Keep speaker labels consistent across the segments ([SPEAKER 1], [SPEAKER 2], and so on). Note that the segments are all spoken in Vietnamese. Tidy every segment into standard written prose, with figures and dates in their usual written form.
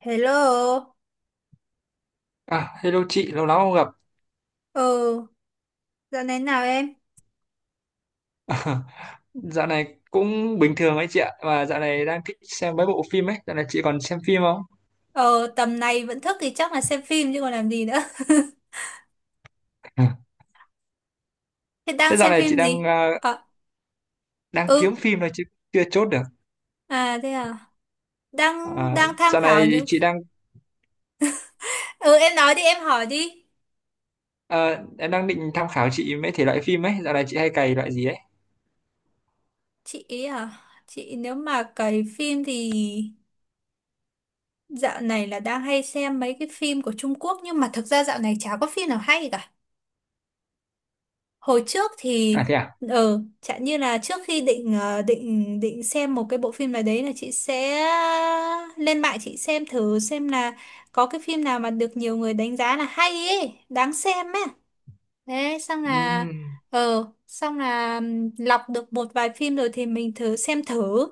[SPEAKER 1] Hello,
[SPEAKER 2] À, hello chị, lâu lắm không gặp.
[SPEAKER 1] ờ, dạo này nào em?
[SPEAKER 2] Dạo này cũng bình thường ấy chị ạ, và dạo này đang thích xem mấy bộ phim ấy, dạo này chị còn xem phim không?
[SPEAKER 1] Ờ, tầm này vẫn thức thì chắc là xem phim chứ còn làm gì nữa.
[SPEAKER 2] Ừ.
[SPEAKER 1] Thế đang
[SPEAKER 2] Thế dạo
[SPEAKER 1] xem
[SPEAKER 2] này chị
[SPEAKER 1] phim gì? Ờ,
[SPEAKER 2] đang
[SPEAKER 1] ừ,
[SPEAKER 2] kiếm phim thôi chứ chưa chốt được.
[SPEAKER 1] à thế à, đang
[SPEAKER 2] À,
[SPEAKER 1] đang tham
[SPEAKER 2] dạo này
[SPEAKER 1] khảo những...
[SPEAKER 2] chị đang
[SPEAKER 1] Ừ, em nói đi, em hỏi đi.
[SPEAKER 2] à, Em đang định tham khảo chị mấy thể loại phim ấy, dạo này chị hay cày loại gì ấy?
[SPEAKER 1] Chị ý à, chị nếu mà cày phim thì dạo này là đang hay xem mấy cái phim của Trung Quốc nhưng mà thực ra dạo này chả có phim nào hay cả. Hồi trước thì
[SPEAKER 2] À, thế à?
[SPEAKER 1] chẳng như là trước khi định ờ, định định xem một cái bộ phim nào đấy là chị sẽ lên mạng chị xem thử xem là có cái phim nào mà được nhiều người đánh giá là hay ấy đáng xem ấy, thế xong là
[SPEAKER 2] Ừm.
[SPEAKER 1] lọc được một vài phim rồi thì mình thử xem thử,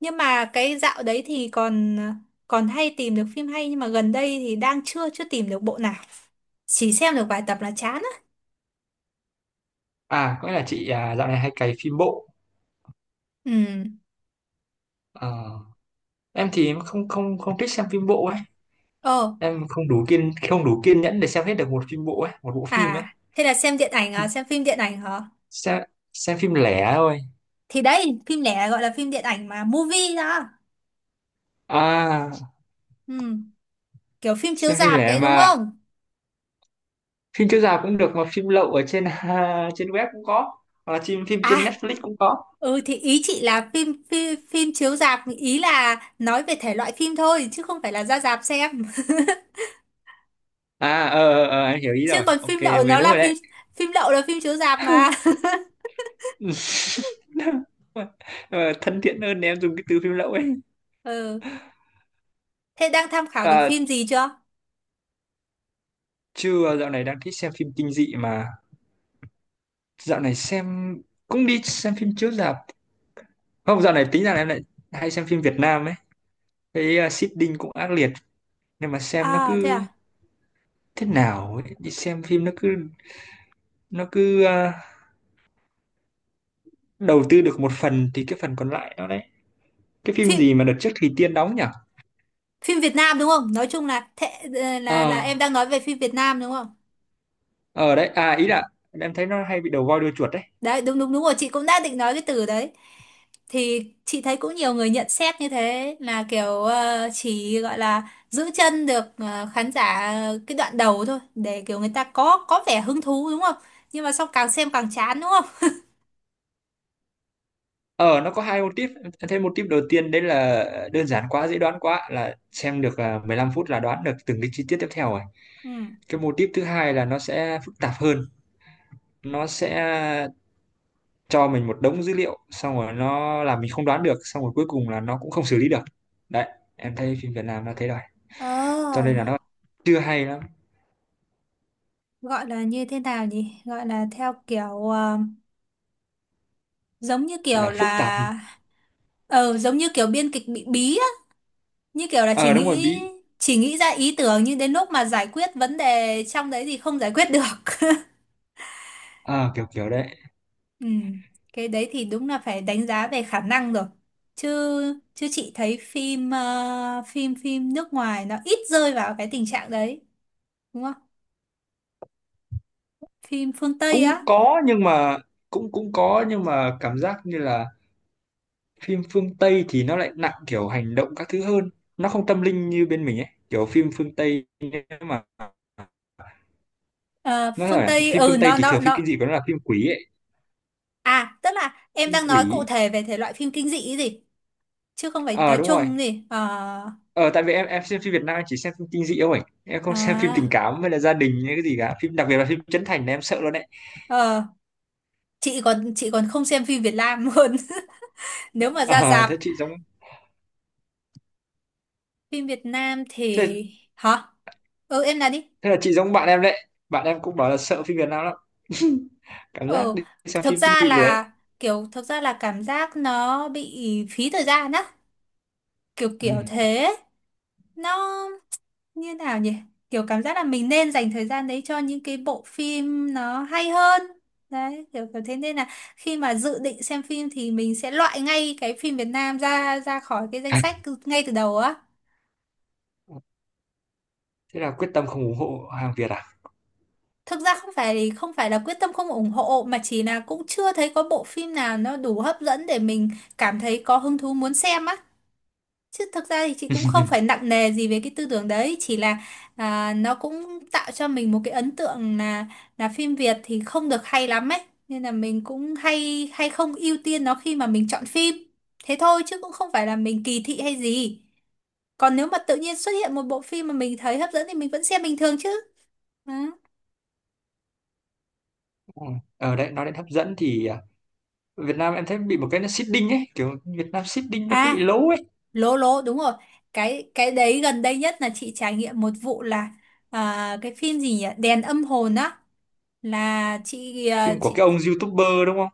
[SPEAKER 1] nhưng mà cái dạo đấy thì còn còn hay tìm được phim hay, nhưng mà gần đây thì đang chưa chưa tìm được bộ nào, chỉ xem được vài tập là chán á.
[SPEAKER 2] À, có nghĩa là chị à, dạo này hay cày phim bộ. Ờ, em thì em không không không thích xem phim bộ ấy,
[SPEAKER 1] Ừ.
[SPEAKER 2] em không đủ kiên nhẫn để xem hết được một phim bộ ấy, một bộ phim ấy.
[SPEAKER 1] À, thế là xem điện ảnh à, xem phim điện ảnh hả?
[SPEAKER 2] xem xem phim lẻ thôi.
[SPEAKER 1] Thì đấy, phim lẻ gọi là phim điện ảnh mà, movie đó.
[SPEAKER 2] à
[SPEAKER 1] Ừ, kiểu phim chiếu
[SPEAKER 2] xem phim
[SPEAKER 1] rạp
[SPEAKER 2] lẻ
[SPEAKER 1] đấy đúng
[SPEAKER 2] mà,
[SPEAKER 1] không?
[SPEAKER 2] phim chiếu rạp cũng được mà phim lậu ở trên trên web cũng có, hoặc là phim phim trên
[SPEAKER 1] À,
[SPEAKER 2] Netflix cũng có.
[SPEAKER 1] ừ thì ý chị là phim phim, phim chiếu rạp, ý là nói về thể loại phim thôi, chứ không phải là ra rạp xem.
[SPEAKER 2] Anh hiểu ý
[SPEAKER 1] Chứ
[SPEAKER 2] rồi,
[SPEAKER 1] còn
[SPEAKER 2] ok.
[SPEAKER 1] phim lậu nó
[SPEAKER 2] Ok, đúng
[SPEAKER 1] là
[SPEAKER 2] rồi
[SPEAKER 1] phim
[SPEAKER 2] đấy.
[SPEAKER 1] phim lậu là phim chiếu rạp mà.
[SPEAKER 2] Ờ, thân thiện hơn để em dùng cái từ phim lậu ấy.
[SPEAKER 1] Ừ, thế đang tham khảo được
[SPEAKER 2] Và
[SPEAKER 1] phim gì chưa?
[SPEAKER 2] chưa, dạo này đang thích xem phim kinh dị mà. Dạo này xem, cũng đi xem phim chiếu rạp. Không, dạo này tính rằng em lại hay xem phim Việt Nam ấy. Cái seeding cũng ác liệt, nhưng mà xem nó
[SPEAKER 1] À, thế
[SPEAKER 2] cứ
[SPEAKER 1] à?
[SPEAKER 2] thế nào ấy? Đi xem phim nó cứ nó cứ à, đầu tư được một phần thì cái phần còn lại nó đấy. Cái phim
[SPEAKER 1] Phim
[SPEAKER 2] gì mà đợt trước Thùy Tiên đóng nhỉ?
[SPEAKER 1] phim Việt Nam đúng không? Nói chung là thế, ờ, là
[SPEAKER 2] ờ
[SPEAKER 1] em đang nói về phim Việt Nam đúng không?
[SPEAKER 2] ờ Đấy à, ý là em thấy nó hay bị đầu voi đuôi chuột đấy.
[SPEAKER 1] Đấy, đúng đúng đúng rồi, chị cũng đã định nói cái từ đấy. Thì chị thấy cũng nhiều người nhận xét như thế là kiểu ờ, chỉ gọi là giữ chân được ờ, khán giả cái đoạn đầu thôi để kiểu người ta có vẻ hứng thú đúng không? Nhưng mà sau càng xem càng chán đúng không?
[SPEAKER 2] Ờ nó có hai mô típ. Em thấy mô típ đầu tiên đấy là đơn giản quá, dễ đoán quá, là xem được 15 phút là đoán được từng cái chi tiết tiếp theo rồi.
[SPEAKER 1] Ừ.
[SPEAKER 2] Cái mô típ thứ hai là nó sẽ phức tạp hơn, nó sẽ cho mình một đống dữ liệu xong rồi nó làm mình không đoán được, xong rồi cuối cùng là nó cũng không xử lý được. Đấy, em thấy phim Việt Nam nó thế đó.
[SPEAKER 1] Ờ,
[SPEAKER 2] Cho nên là nó chưa hay lắm.
[SPEAKER 1] gọi là như thế nào nhỉ? Gọi là theo kiểu ờ, giống như
[SPEAKER 2] Gọi
[SPEAKER 1] kiểu
[SPEAKER 2] là phức tạp.
[SPEAKER 1] là giống như kiểu biên kịch bị bí á, như kiểu là
[SPEAKER 2] Ờ, đúng rồi, bí.
[SPEAKER 1] chỉ nghĩ ra ý tưởng nhưng đến lúc mà giải quyết vấn đề trong đấy thì không giải quyết được.
[SPEAKER 2] Ờ, kiểu kiểu đấy.
[SPEAKER 1] Ừ, cái đấy thì đúng là phải đánh giá về khả năng rồi. Chứ chứ chị thấy phim ờ, phim phim nước ngoài nó ít rơi vào cái tình trạng đấy, đúng không? Phim phương Tây
[SPEAKER 2] Cũng
[SPEAKER 1] á,
[SPEAKER 2] có nhưng mà cũng cũng có, nhưng mà cảm giác như là phim phương Tây thì nó lại nặng kiểu hành động các thứ hơn, nó không tâm linh như bên mình ấy, kiểu phim phương Tây nếu mà
[SPEAKER 1] ờ,
[SPEAKER 2] nói
[SPEAKER 1] phương
[SPEAKER 2] là
[SPEAKER 1] Tây
[SPEAKER 2] phim
[SPEAKER 1] ừ
[SPEAKER 2] phương Tây
[SPEAKER 1] nó
[SPEAKER 2] thì
[SPEAKER 1] nó
[SPEAKER 2] thường phim kinh
[SPEAKER 1] nó
[SPEAKER 2] dị của nó là phim quỷ ấy.
[SPEAKER 1] À tức là em
[SPEAKER 2] Phim
[SPEAKER 1] đang nói cụ
[SPEAKER 2] quỷ.
[SPEAKER 1] thể về thể loại phim kinh dị ấy gì, chứ không phải
[SPEAKER 2] Ờ,
[SPEAKER 1] nói
[SPEAKER 2] đúng rồi.
[SPEAKER 1] chung gì. Ờ.
[SPEAKER 2] Ờ, tại vì em xem phim Việt Nam em chỉ xem phim kinh dị thôi, em không xem phim tình
[SPEAKER 1] À
[SPEAKER 2] cảm hay là gia đình hay cái gì cả, phim đặc biệt là phim Trấn Thành là em sợ luôn đấy.
[SPEAKER 1] ờ chị còn không xem phim Việt Nam luôn. Nếu mà ra
[SPEAKER 2] Ờ,
[SPEAKER 1] rạp
[SPEAKER 2] thế chị giống.
[SPEAKER 1] phim Việt Nam thì
[SPEAKER 2] thế
[SPEAKER 1] hả? Ừ em nói đi.
[SPEAKER 2] thế là chị giống bạn em đấy, bạn em cũng bảo là sợ phim Việt Nam lắm. Cảm giác
[SPEAKER 1] Ờ,
[SPEAKER 2] đi xem
[SPEAKER 1] thực
[SPEAKER 2] phim cứ
[SPEAKER 1] ra
[SPEAKER 2] bị lười ấy.
[SPEAKER 1] là cảm giác nó bị phí thời gian á, kiểu
[SPEAKER 2] Ừ.
[SPEAKER 1] kiểu thế. Nó như nào nhỉ? Kiểu cảm giác là mình nên dành thời gian đấy cho những cái bộ phim nó hay hơn. Đấy, kiểu kiểu thế nên là khi mà dự định xem phim thì mình sẽ loại ngay cái phim Việt Nam ra ra khỏi cái danh sách ngay từ đầu á.
[SPEAKER 2] Thế là quyết tâm không ủng hộ hàng Việt à?
[SPEAKER 1] Thực ra không phải là quyết tâm không ủng hộ mà chỉ là cũng chưa thấy có bộ phim nào nó đủ hấp dẫn để mình cảm thấy có hứng thú muốn xem á. Chứ thực ra thì chị cũng không phải nặng nề gì về cái tư tưởng đấy, chỉ là à, nó cũng tạo cho mình một cái ấn tượng là phim Việt thì không được hay lắm ấy, nên là mình cũng hay hay không ưu tiên nó khi mà mình chọn phim. Thế thôi chứ cũng không phải là mình kỳ thị hay gì. Còn nếu mà tự nhiên xuất hiện một bộ phim mà mình thấy hấp dẫn thì mình vẫn xem bình thường chứ. Ừ.
[SPEAKER 2] Ừ. Ở đấy nói đến hấp dẫn thì, Việt Nam em thấy bị một cái nó seeding ấy, kiểu Việt Nam seeding nó cứ bị
[SPEAKER 1] À,
[SPEAKER 2] lố ấy.
[SPEAKER 1] lố lố đúng rồi. Cái đấy gần đây nhất là chị trải nghiệm một vụ là à, cái phim gì nhỉ? Đèn âm hồn á, là chị à,
[SPEAKER 2] Phim của
[SPEAKER 1] chị
[SPEAKER 2] cái ông YouTuber đúng không?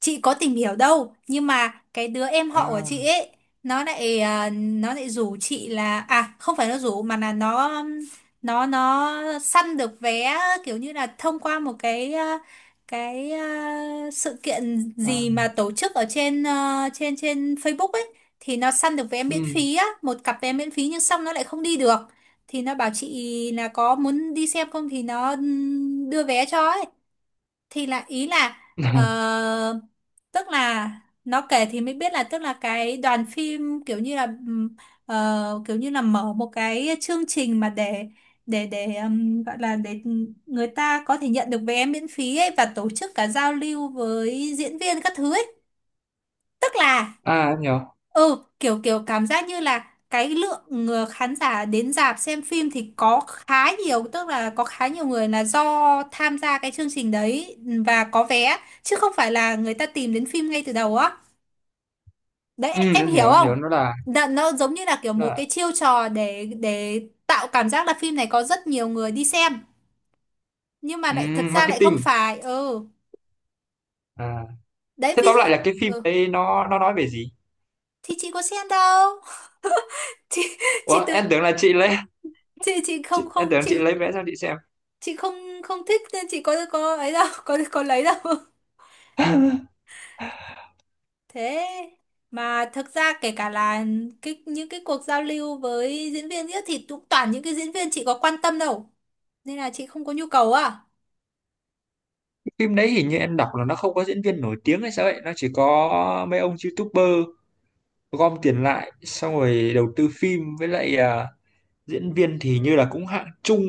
[SPEAKER 1] chị có tìm hiểu đâu, nhưng mà cái đứa em họ của chị
[SPEAKER 2] À,
[SPEAKER 1] ấy nó lại à, nó lại rủ chị là à không phải nó rủ mà là nó săn được vé, kiểu như là thông qua một cái à, sự kiện
[SPEAKER 2] à,
[SPEAKER 1] gì mà tổ chức ở trên à, trên trên Facebook ấy, thì nó săn được vé miễn
[SPEAKER 2] ừ.
[SPEAKER 1] phí á, một cặp vé miễn phí nhưng xong nó lại không đi được, thì nó bảo chị là có muốn đi xem không thì nó đưa vé cho ấy, thì là ý là ờ, tức là nó kể thì mới biết là tức là cái đoàn phim kiểu như là kiểu như là mở một cái chương trình mà để gọi là để người ta có thể nhận được vé miễn phí ấy và tổ chức cả giao lưu với diễn viên các thứ ấy, tức là
[SPEAKER 2] À, em hiểu.
[SPEAKER 1] ừ kiểu kiểu cảm giác như là cái lượng ờ, khán giả đến rạp xem phim thì có khá nhiều, tức là có khá nhiều người là do tham gia cái chương trình đấy và có vé, chứ không phải là người ta tìm đến phim ngay từ đầu á. Đấy,
[SPEAKER 2] Ừ,
[SPEAKER 1] em
[SPEAKER 2] em
[SPEAKER 1] hiểu
[SPEAKER 2] hiểu em
[SPEAKER 1] không?
[SPEAKER 2] hiểu nó là,
[SPEAKER 1] Đ nó giống như là kiểu
[SPEAKER 2] nó
[SPEAKER 1] một cái
[SPEAKER 2] là
[SPEAKER 1] chiêu trò để tạo cảm giác là phim này có rất nhiều người đi xem nhưng mà
[SPEAKER 2] ừ,
[SPEAKER 1] lại thực ra lại không
[SPEAKER 2] marketing.
[SPEAKER 1] phải. Ừ,
[SPEAKER 2] À,
[SPEAKER 1] đấy
[SPEAKER 2] thế
[SPEAKER 1] ví
[SPEAKER 2] tóm
[SPEAKER 1] dụ.
[SPEAKER 2] lại là cái phim
[SPEAKER 1] Ừ
[SPEAKER 2] đấy nó nói về gì?
[SPEAKER 1] thì chị có xem đâu. chị chị
[SPEAKER 2] Ủa,
[SPEAKER 1] từ
[SPEAKER 2] em tưởng là chị lấy
[SPEAKER 1] chị không
[SPEAKER 2] chị, em
[SPEAKER 1] không
[SPEAKER 2] tưởng
[SPEAKER 1] chị
[SPEAKER 2] chị lấy vé cho chị xem.
[SPEAKER 1] không không thích nên chị có ấy đâu. Có lấy đâu. Thế mà thực ra kể cả là những cái cuộc giao lưu với diễn viên nữa thì cũng toàn những cái diễn viên chị có quan tâm đâu, nên là chị không có nhu cầu. À
[SPEAKER 2] Phim đấy hình như em đọc là nó không có diễn viên nổi tiếng hay sao ấy, nó chỉ có mấy ông YouTuber gom tiền lại xong rồi đầu tư phim, với lại diễn viên thì như là cũng hạng trung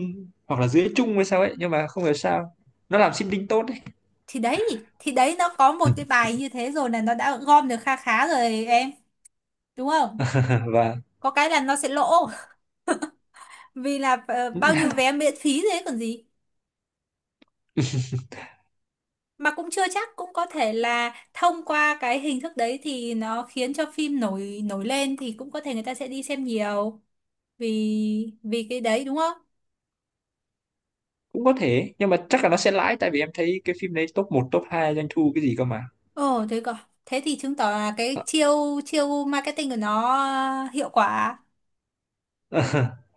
[SPEAKER 2] hoặc là dưới trung hay sao ấy, nhưng mà không hiểu sao nó làm marketing tốt đấy.
[SPEAKER 1] thì đấy thì đấy nó có một cái bài như thế rồi là nó đã gom được kha khá rồi em, đúng không?
[SPEAKER 2] Và
[SPEAKER 1] Có cái là nó sẽ lỗ, vì là ờ, bao nhiêu vé miễn phí thế còn gì. Mà cũng chưa chắc, cũng có thể là thông qua cái hình thức đấy thì nó khiến cho phim nổi nổi lên thì cũng có thể người ta sẽ đi xem nhiều vì vì cái đấy đúng không?
[SPEAKER 2] cũng có thể nhưng mà chắc là nó sẽ lãi tại vì em thấy cái phim đấy top 1 top 2 doanh thu cái gì cơ mà.
[SPEAKER 1] Ồ thế còn thế thì chứng tỏ là cái chiêu chiêu marketing của nó hiệu quả,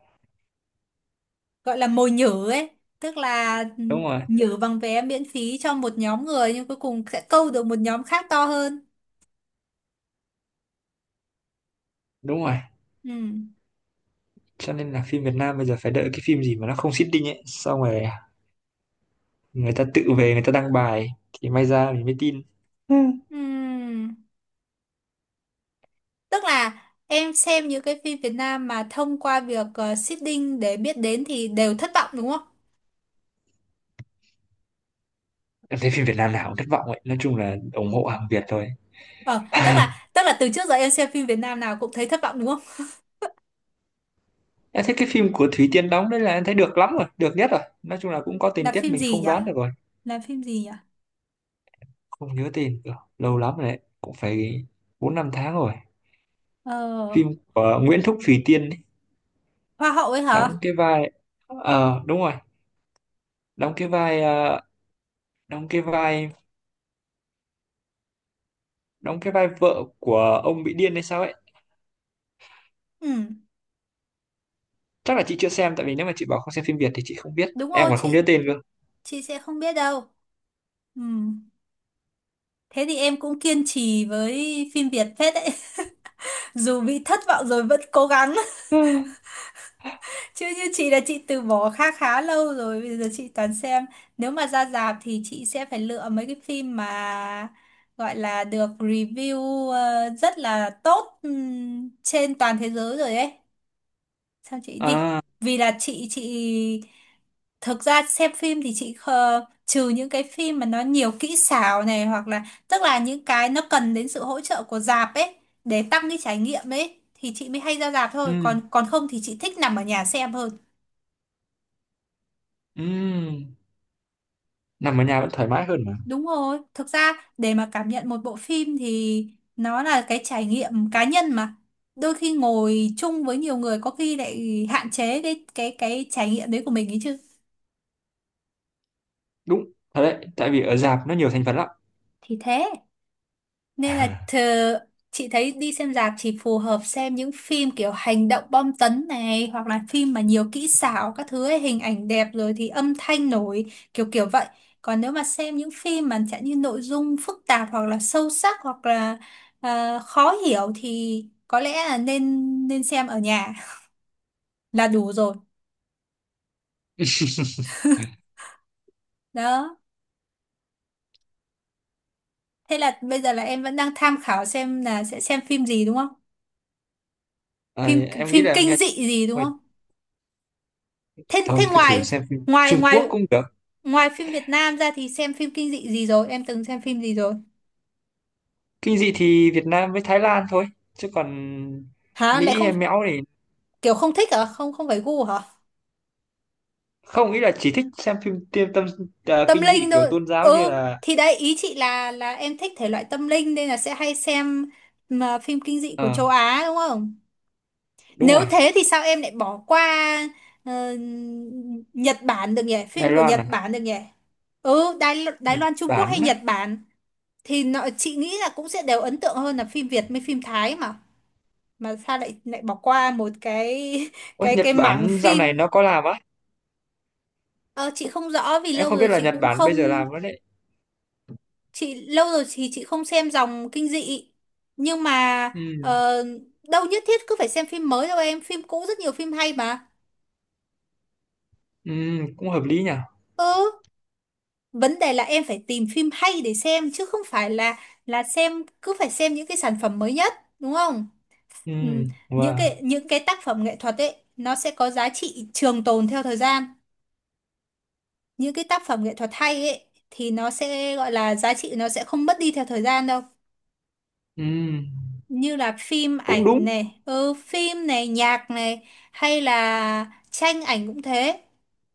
[SPEAKER 1] gọi là mồi nhử ấy, tức là ừ,
[SPEAKER 2] Đúng rồi.
[SPEAKER 1] nhử bằng vé miễn phí cho một nhóm người nhưng cuối cùng sẽ câu được một nhóm khác to hơn.
[SPEAKER 2] Đúng rồi.
[SPEAKER 1] Ừ.
[SPEAKER 2] Cho nên là phim Việt Nam bây giờ phải đợi cái phim gì mà nó không marketing ấy, xong rồi người ta tự về người ta đăng bài, thì may ra mình mới tin. Ừ.
[SPEAKER 1] Ừ. Tức là em xem những cái phim Việt Nam mà thông qua việc ờ, seeding để biết đến thì đều thất vọng đúng không?
[SPEAKER 2] Em thấy phim Việt Nam nào cũng thất vọng ấy, nói chung là ủng hộ hàng Việt thôi.
[SPEAKER 1] Ờ, tức là từ trước giờ em xem phim Việt Nam nào cũng thấy thất vọng đúng không?
[SPEAKER 2] Em thấy cái phim của Thúy Tiên đóng đấy là em thấy được lắm rồi, được nhất rồi, nói chung là cũng có tình
[SPEAKER 1] Là
[SPEAKER 2] tiết
[SPEAKER 1] phim
[SPEAKER 2] mình
[SPEAKER 1] gì
[SPEAKER 2] không
[SPEAKER 1] nhỉ?
[SPEAKER 2] đoán được rồi.
[SPEAKER 1] Là phim gì nhỉ?
[SPEAKER 2] Không nhớ tên được, lâu lắm rồi đấy, cũng phải bốn năm tháng rồi.
[SPEAKER 1] Ờ,
[SPEAKER 2] Phim của Nguyễn Thúc Thùy Tiên ấy,
[SPEAKER 1] Hoa hậu ấy
[SPEAKER 2] đóng
[SPEAKER 1] hả?
[SPEAKER 2] cái vai, ờ, đúng rồi. Đóng cái vai đóng cái vai vợ của ông bị điên hay sao ấy.
[SPEAKER 1] Ừ,
[SPEAKER 2] Chắc là chị chưa xem tại vì nếu mà chị bảo không xem phim Việt thì chị không biết,
[SPEAKER 1] đúng
[SPEAKER 2] em
[SPEAKER 1] rồi,
[SPEAKER 2] còn không nhớ tên.
[SPEAKER 1] chị sẽ không biết đâu. Ừ, thế thì em cũng kiên trì với phim Việt phết đấy. Dù bị thất vọng rồi vẫn cố gắng. Chứ như chị là chị từ bỏ khá khá lâu rồi, bây giờ chị toàn xem. Nếu mà ra rạp thì chị sẽ phải lựa mấy cái phim mà gọi là được review ờ, rất là tốt trên toàn thế giới rồi ấy. Sao chị đi?
[SPEAKER 2] à
[SPEAKER 1] Vì là chị thực ra xem phim thì chị khờ, trừ những cái phim mà nó nhiều kỹ xảo này hoặc là tức là những cái nó cần đến sự hỗ trợ của rạp ấy để tăng cái trải nghiệm ấy thì chị mới hay ra rạp thôi,
[SPEAKER 2] ừ,
[SPEAKER 1] còn còn không thì chị thích nằm ở nhà xem hơn.
[SPEAKER 2] ừ. Nằm ở nhà vẫn thoải mái hơn mà.
[SPEAKER 1] Đúng rồi, thực ra để mà cảm nhận một bộ phim thì nó là cái trải nghiệm cá nhân mà. Đôi khi ngồi chung với nhiều người có khi lại hạn chế cái trải nghiệm đấy của mình ấy chứ.
[SPEAKER 2] Đúng. Thật đấy, tại vì ở rạp nó nhiều thành phần lắm.
[SPEAKER 1] Thì thế. Nên là thờ, chị thấy đi xem rạp chỉ phù hợp xem những phim kiểu hành động bom tấn này hoặc là phim mà nhiều kỹ xảo các thứ ấy, hình ảnh đẹp rồi thì âm thanh nổi kiểu kiểu vậy. Còn nếu mà xem những phim mà chẳng như nội dung phức tạp hoặc là sâu sắc hoặc là ờ, khó hiểu thì có lẽ là nên nên xem ở nhà là đủ rồi. Đó. Thế là bây giờ là em vẫn đang tham khảo xem là sẽ xem phim gì đúng không?
[SPEAKER 2] Ờ,
[SPEAKER 1] Phim
[SPEAKER 2] em nghĩ
[SPEAKER 1] phim
[SPEAKER 2] là em
[SPEAKER 1] kinh
[SPEAKER 2] nghe.
[SPEAKER 1] dị gì đúng
[SPEAKER 2] Thôi,
[SPEAKER 1] không? Thế thế
[SPEAKER 2] thôi cứ thử
[SPEAKER 1] ngoài
[SPEAKER 2] xem phim
[SPEAKER 1] ngoài
[SPEAKER 2] Trung Quốc
[SPEAKER 1] ngoài
[SPEAKER 2] cũng được.
[SPEAKER 1] Ngoài phim Việt Nam ra thì xem phim kinh dị gì rồi? Em từng xem phim gì rồi?
[SPEAKER 2] Kinh dị thì Việt Nam với Thái Lan thôi, chứ còn
[SPEAKER 1] Hả? Lại
[SPEAKER 2] Mỹ
[SPEAKER 1] không
[SPEAKER 2] hay Mẽo thì
[SPEAKER 1] kiểu không thích hả? Không không phải gu hả?
[SPEAKER 2] không, nghĩ là chỉ thích xem phim tiêm tâm. Ờ,
[SPEAKER 1] Tâm
[SPEAKER 2] kinh
[SPEAKER 1] linh
[SPEAKER 2] dị kiểu
[SPEAKER 1] thôi.
[SPEAKER 2] tôn giáo như
[SPEAKER 1] Ừ,
[SPEAKER 2] là.
[SPEAKER 1] thì đấy ý chị là em thích thể loại tâm linh nên là sẽ hay xem mà phim kinh dị
[SPEAKER 2] Ờ,
[SPEAKER 1] của châu Á đúng không?
[SPEAKER 2] đúng
[SPEAKER 1] Nếu
[SPEAKER 2] rồi.
[SPEAKER 1] thế thì sao em lại bỏ qua ờ, Nhật Bản được nhỉ?
[SPEAKER 2] Đài
[SPEAKER 1] Phim của
[SPEAKER 2] Loan
[SPEAKER 1] Nhật
[SPEAKER 2] à?
[SPEAKER 1] Bản được nhỉ? Ừ, Đài
[SPEAKER 2] Nhật
[SPEAKER 1] Loan, Trung Quốc hay
[SPEAKER 2] Bản á.
[SPEAKER 1] Nhật Bản thì nó, chị nghĩ là cũng sẽ đều ấn tượng hơn là phim Việt với phim Thái mà. Mà sao lại lại bỏ qua một cái
[SPEAKER 2] Ôi,
[SPEAKER 1] cái
[SPEAKER 2] Nhật
[SPEAKER 1] cái mảng
[SPEAKER 2] Bản dạo này
[SPEAKER 1] phim.
[SPEAKER 2] nó có làm á?
[SPEAKER 1] Ờ, chị không rõ vì
[SPEAKER 2] Em
[SPEAKER 1] lâu
[SPEAKER 2] không
[SPEAKER 1] rồi
[SPEAKER 2] biết là
[SPEAKER 1] chị
[SPEAKER 2] Nhật
[SPEAKER 1] cũng
[SPEAKER 2] Bản bây giờ
[SPEAKER 1] không,
[SPEAKER 2] làm nữa đấy.
[SPEAKER 1] chị lâu rồi thì chị không xem dòng kinh dị, nhưng mà
[SPEAKER 2] Ừ.
[SPEAKER 1] ờ, đâu nhất thiết cứ phải xem phim mới đâu em, phim cũ rất nhiều phim hay mà.
[SPEAKER 2] Ừ, cũng hợp lý nhỉ.
[SPEAKER 1] Ừ, vấn đề là em phải tìm phim hay để xem chứ không phải là xem, cứ phải xem những cái sản phẩm mới nhất, đúng không?
[SPEAKER 2] Ừ,
[SPEAKER 1] Ừ, những
[SPEAKER 2] wow.
[SPEAKER 1] cái những cái tác phẩm nghệ thuật ấy nó sẽ có giá trị trường tồn theo thời gian, những cái tác phẩm nghệ thuật hay ấy thì nó sẽ gọi là giá trị, nó sẽ không mất đi theo thời gian đâu,
[SPEAKER 2] Ừ,
[SPEAKER 1] như là phim
[SPEAKER 2] cũng
[SPEAKER 1] ảnh
[SPEAKER 2] đúng.
[SPEAKER 1] này, ừ, phim này, nhạc này hay là tranh ảnh cũng thế.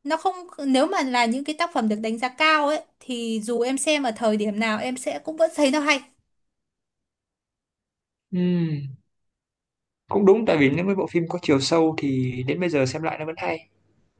[SPEAKER 1] Nó không, nếu mà là những cái tác phẩm được đánh giá cao ấy thì dù em xem ở thời điểm nào em sẽ cũng vẫn thấy nó hay.
[SPEAKER 2] Ừ, cũng đúng tại vì những cái bộ phim có chiều sâu thì đến bây giờ xem lại nó vẫn hay.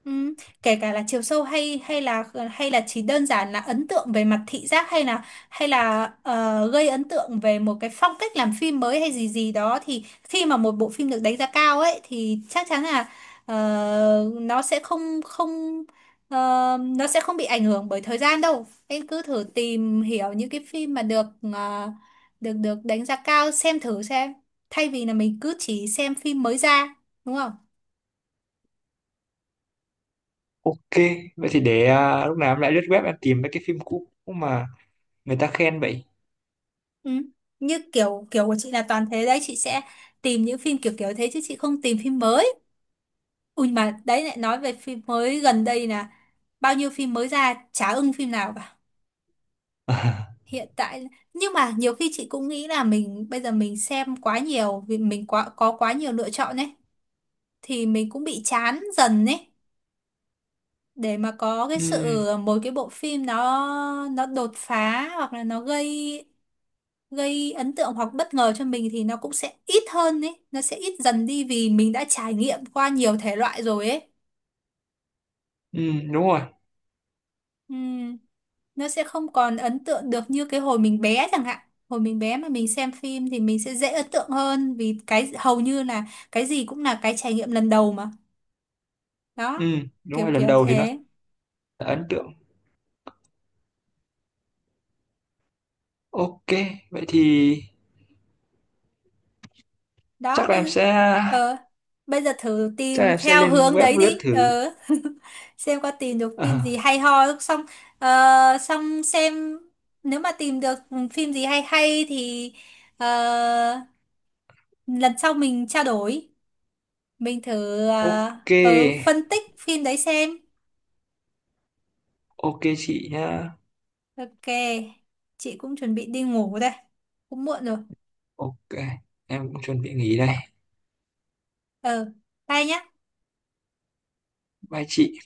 [SPEAKER 1] Ừ. Kể cả là chiều sâu hay hay là chỉ đơn giản là ấn tượng về mặt thị giác hay là gây ấn tượng về một cái phong cách làm phim mới hay gì gì đó, thì khi mà một bộ phim được đánh giá cao ấy thì chắc chắn là ờ, nó sẽ không không ờ, nó sẽ không bị ảnh hưởng bởi thời gian đâu. Em cứ thử tìm hiểu những cái phim mà được ờ, được được đánh giá cao xem thử xem, thay vì là mình cứ chỉ xem phim mới ra, đúng không?
[SPEAKER 2] Ok, vậy thì để lúc nào em lại lướt web em tìm mấy cái phim cũ mà người ta khen vậy.
[SPEAKER 1] Ừ. Như kiểu kiểu của chị là toàn thế đấy, chị sẽ tìm những phim kiểu kiểu thế chứ chị không tìm phim mới. Ui mà đấy, lại nói về phim mới gần đây là bao nhiêu phim mới ra chả ưng phim nào cả hiện tại. Nhưng mà nhiều khi chị cũng nghĩ là mình bây giờ mình xem quá nhiều, vì mình có quá nhiều lựa chọn ấy thì mình cũng bị chán dần ấy. Để mà có cái
[SPEAKER 2] Ừ,
[SPEAKER 1] sự một cái bộ phim nó đột phá hoặc là nó gây gây ấn tượng hoặc bất ngờ cho mình thì nó cũng sẽ ít hơn ấy, nó sẽ ít dần đi vì mình đã trải nghiệm qua nhiều thể loại rồi ấy.
[SPEAKER 2] ừ, đúng rồi.
[SPEAKER 1] Ừm, nó sẽ không còn ấn tượng được như cái hồi mình bé chẳng hạn. Hồi mình bé mà mình xem phim thì mình sẽ dễ ấn tượng hơn vì cái hầu như là cái gì cũng là cái trải nghiệm lần đầu mà.
[SPEAKER 2] Ừ,
[SPEAKER 1] Đó,
[SPEAKER 2] đúng
[SPEAKER 1] kiểu
[SPEAKER 2] rồi, lần
[SPEAKER 1] kiểu
[SPEAKER 2] đầu thì nó
[SPEAKER 1] thế.
[SPEAKER 2] sẽ là ấn tượng. Ok, vậy thì
[SPEAKER 1] Đó
[SPEAKER 2] chắc là
[SPEAKER 1] bây
[SPEAKER 2] em
[SPEAKER 1] giờ,
[SPEAKER 2] sẽ
[SPEAKER 1] ờ, bây giờ thử
[SPEAKER 2] chắc là
[SPEAKER 1] tìm
[SPEAKER 2] em sẽ
[SPEAKER 1] theo
[SPEAKER 2] lên
[SPEAKER 1] hướng
[SPEAKER 2] web
[SPEAKER 1] đấy
[SPEAKER 2] lướt
[SPEAKER 1] đi
[SPEAKER 2] thử.
[SPEAKER 1] xem có tìm được phim gì hay ho không. Xong ờ, xong xem, nếu mà tìm được phim gì hay hay thì ờ, lần sau mình trao đổi, mình thử
[SPEAKER 2] ok.
[SPEAKER 1] phân tích phim đấy xem.
[SPEAKER 2] Ok chị nhá.
[SPEAKER 1] Ok, chị cũng chuẩn bị đi ngủ đây, cũng muộn rồi.
[SPEAKER 2] Ok, em cũng chuẩn bị nghỉ đây.
[SPEAKER 1] ờ Bye nhá.
[SPEAKER 2] Bye chị.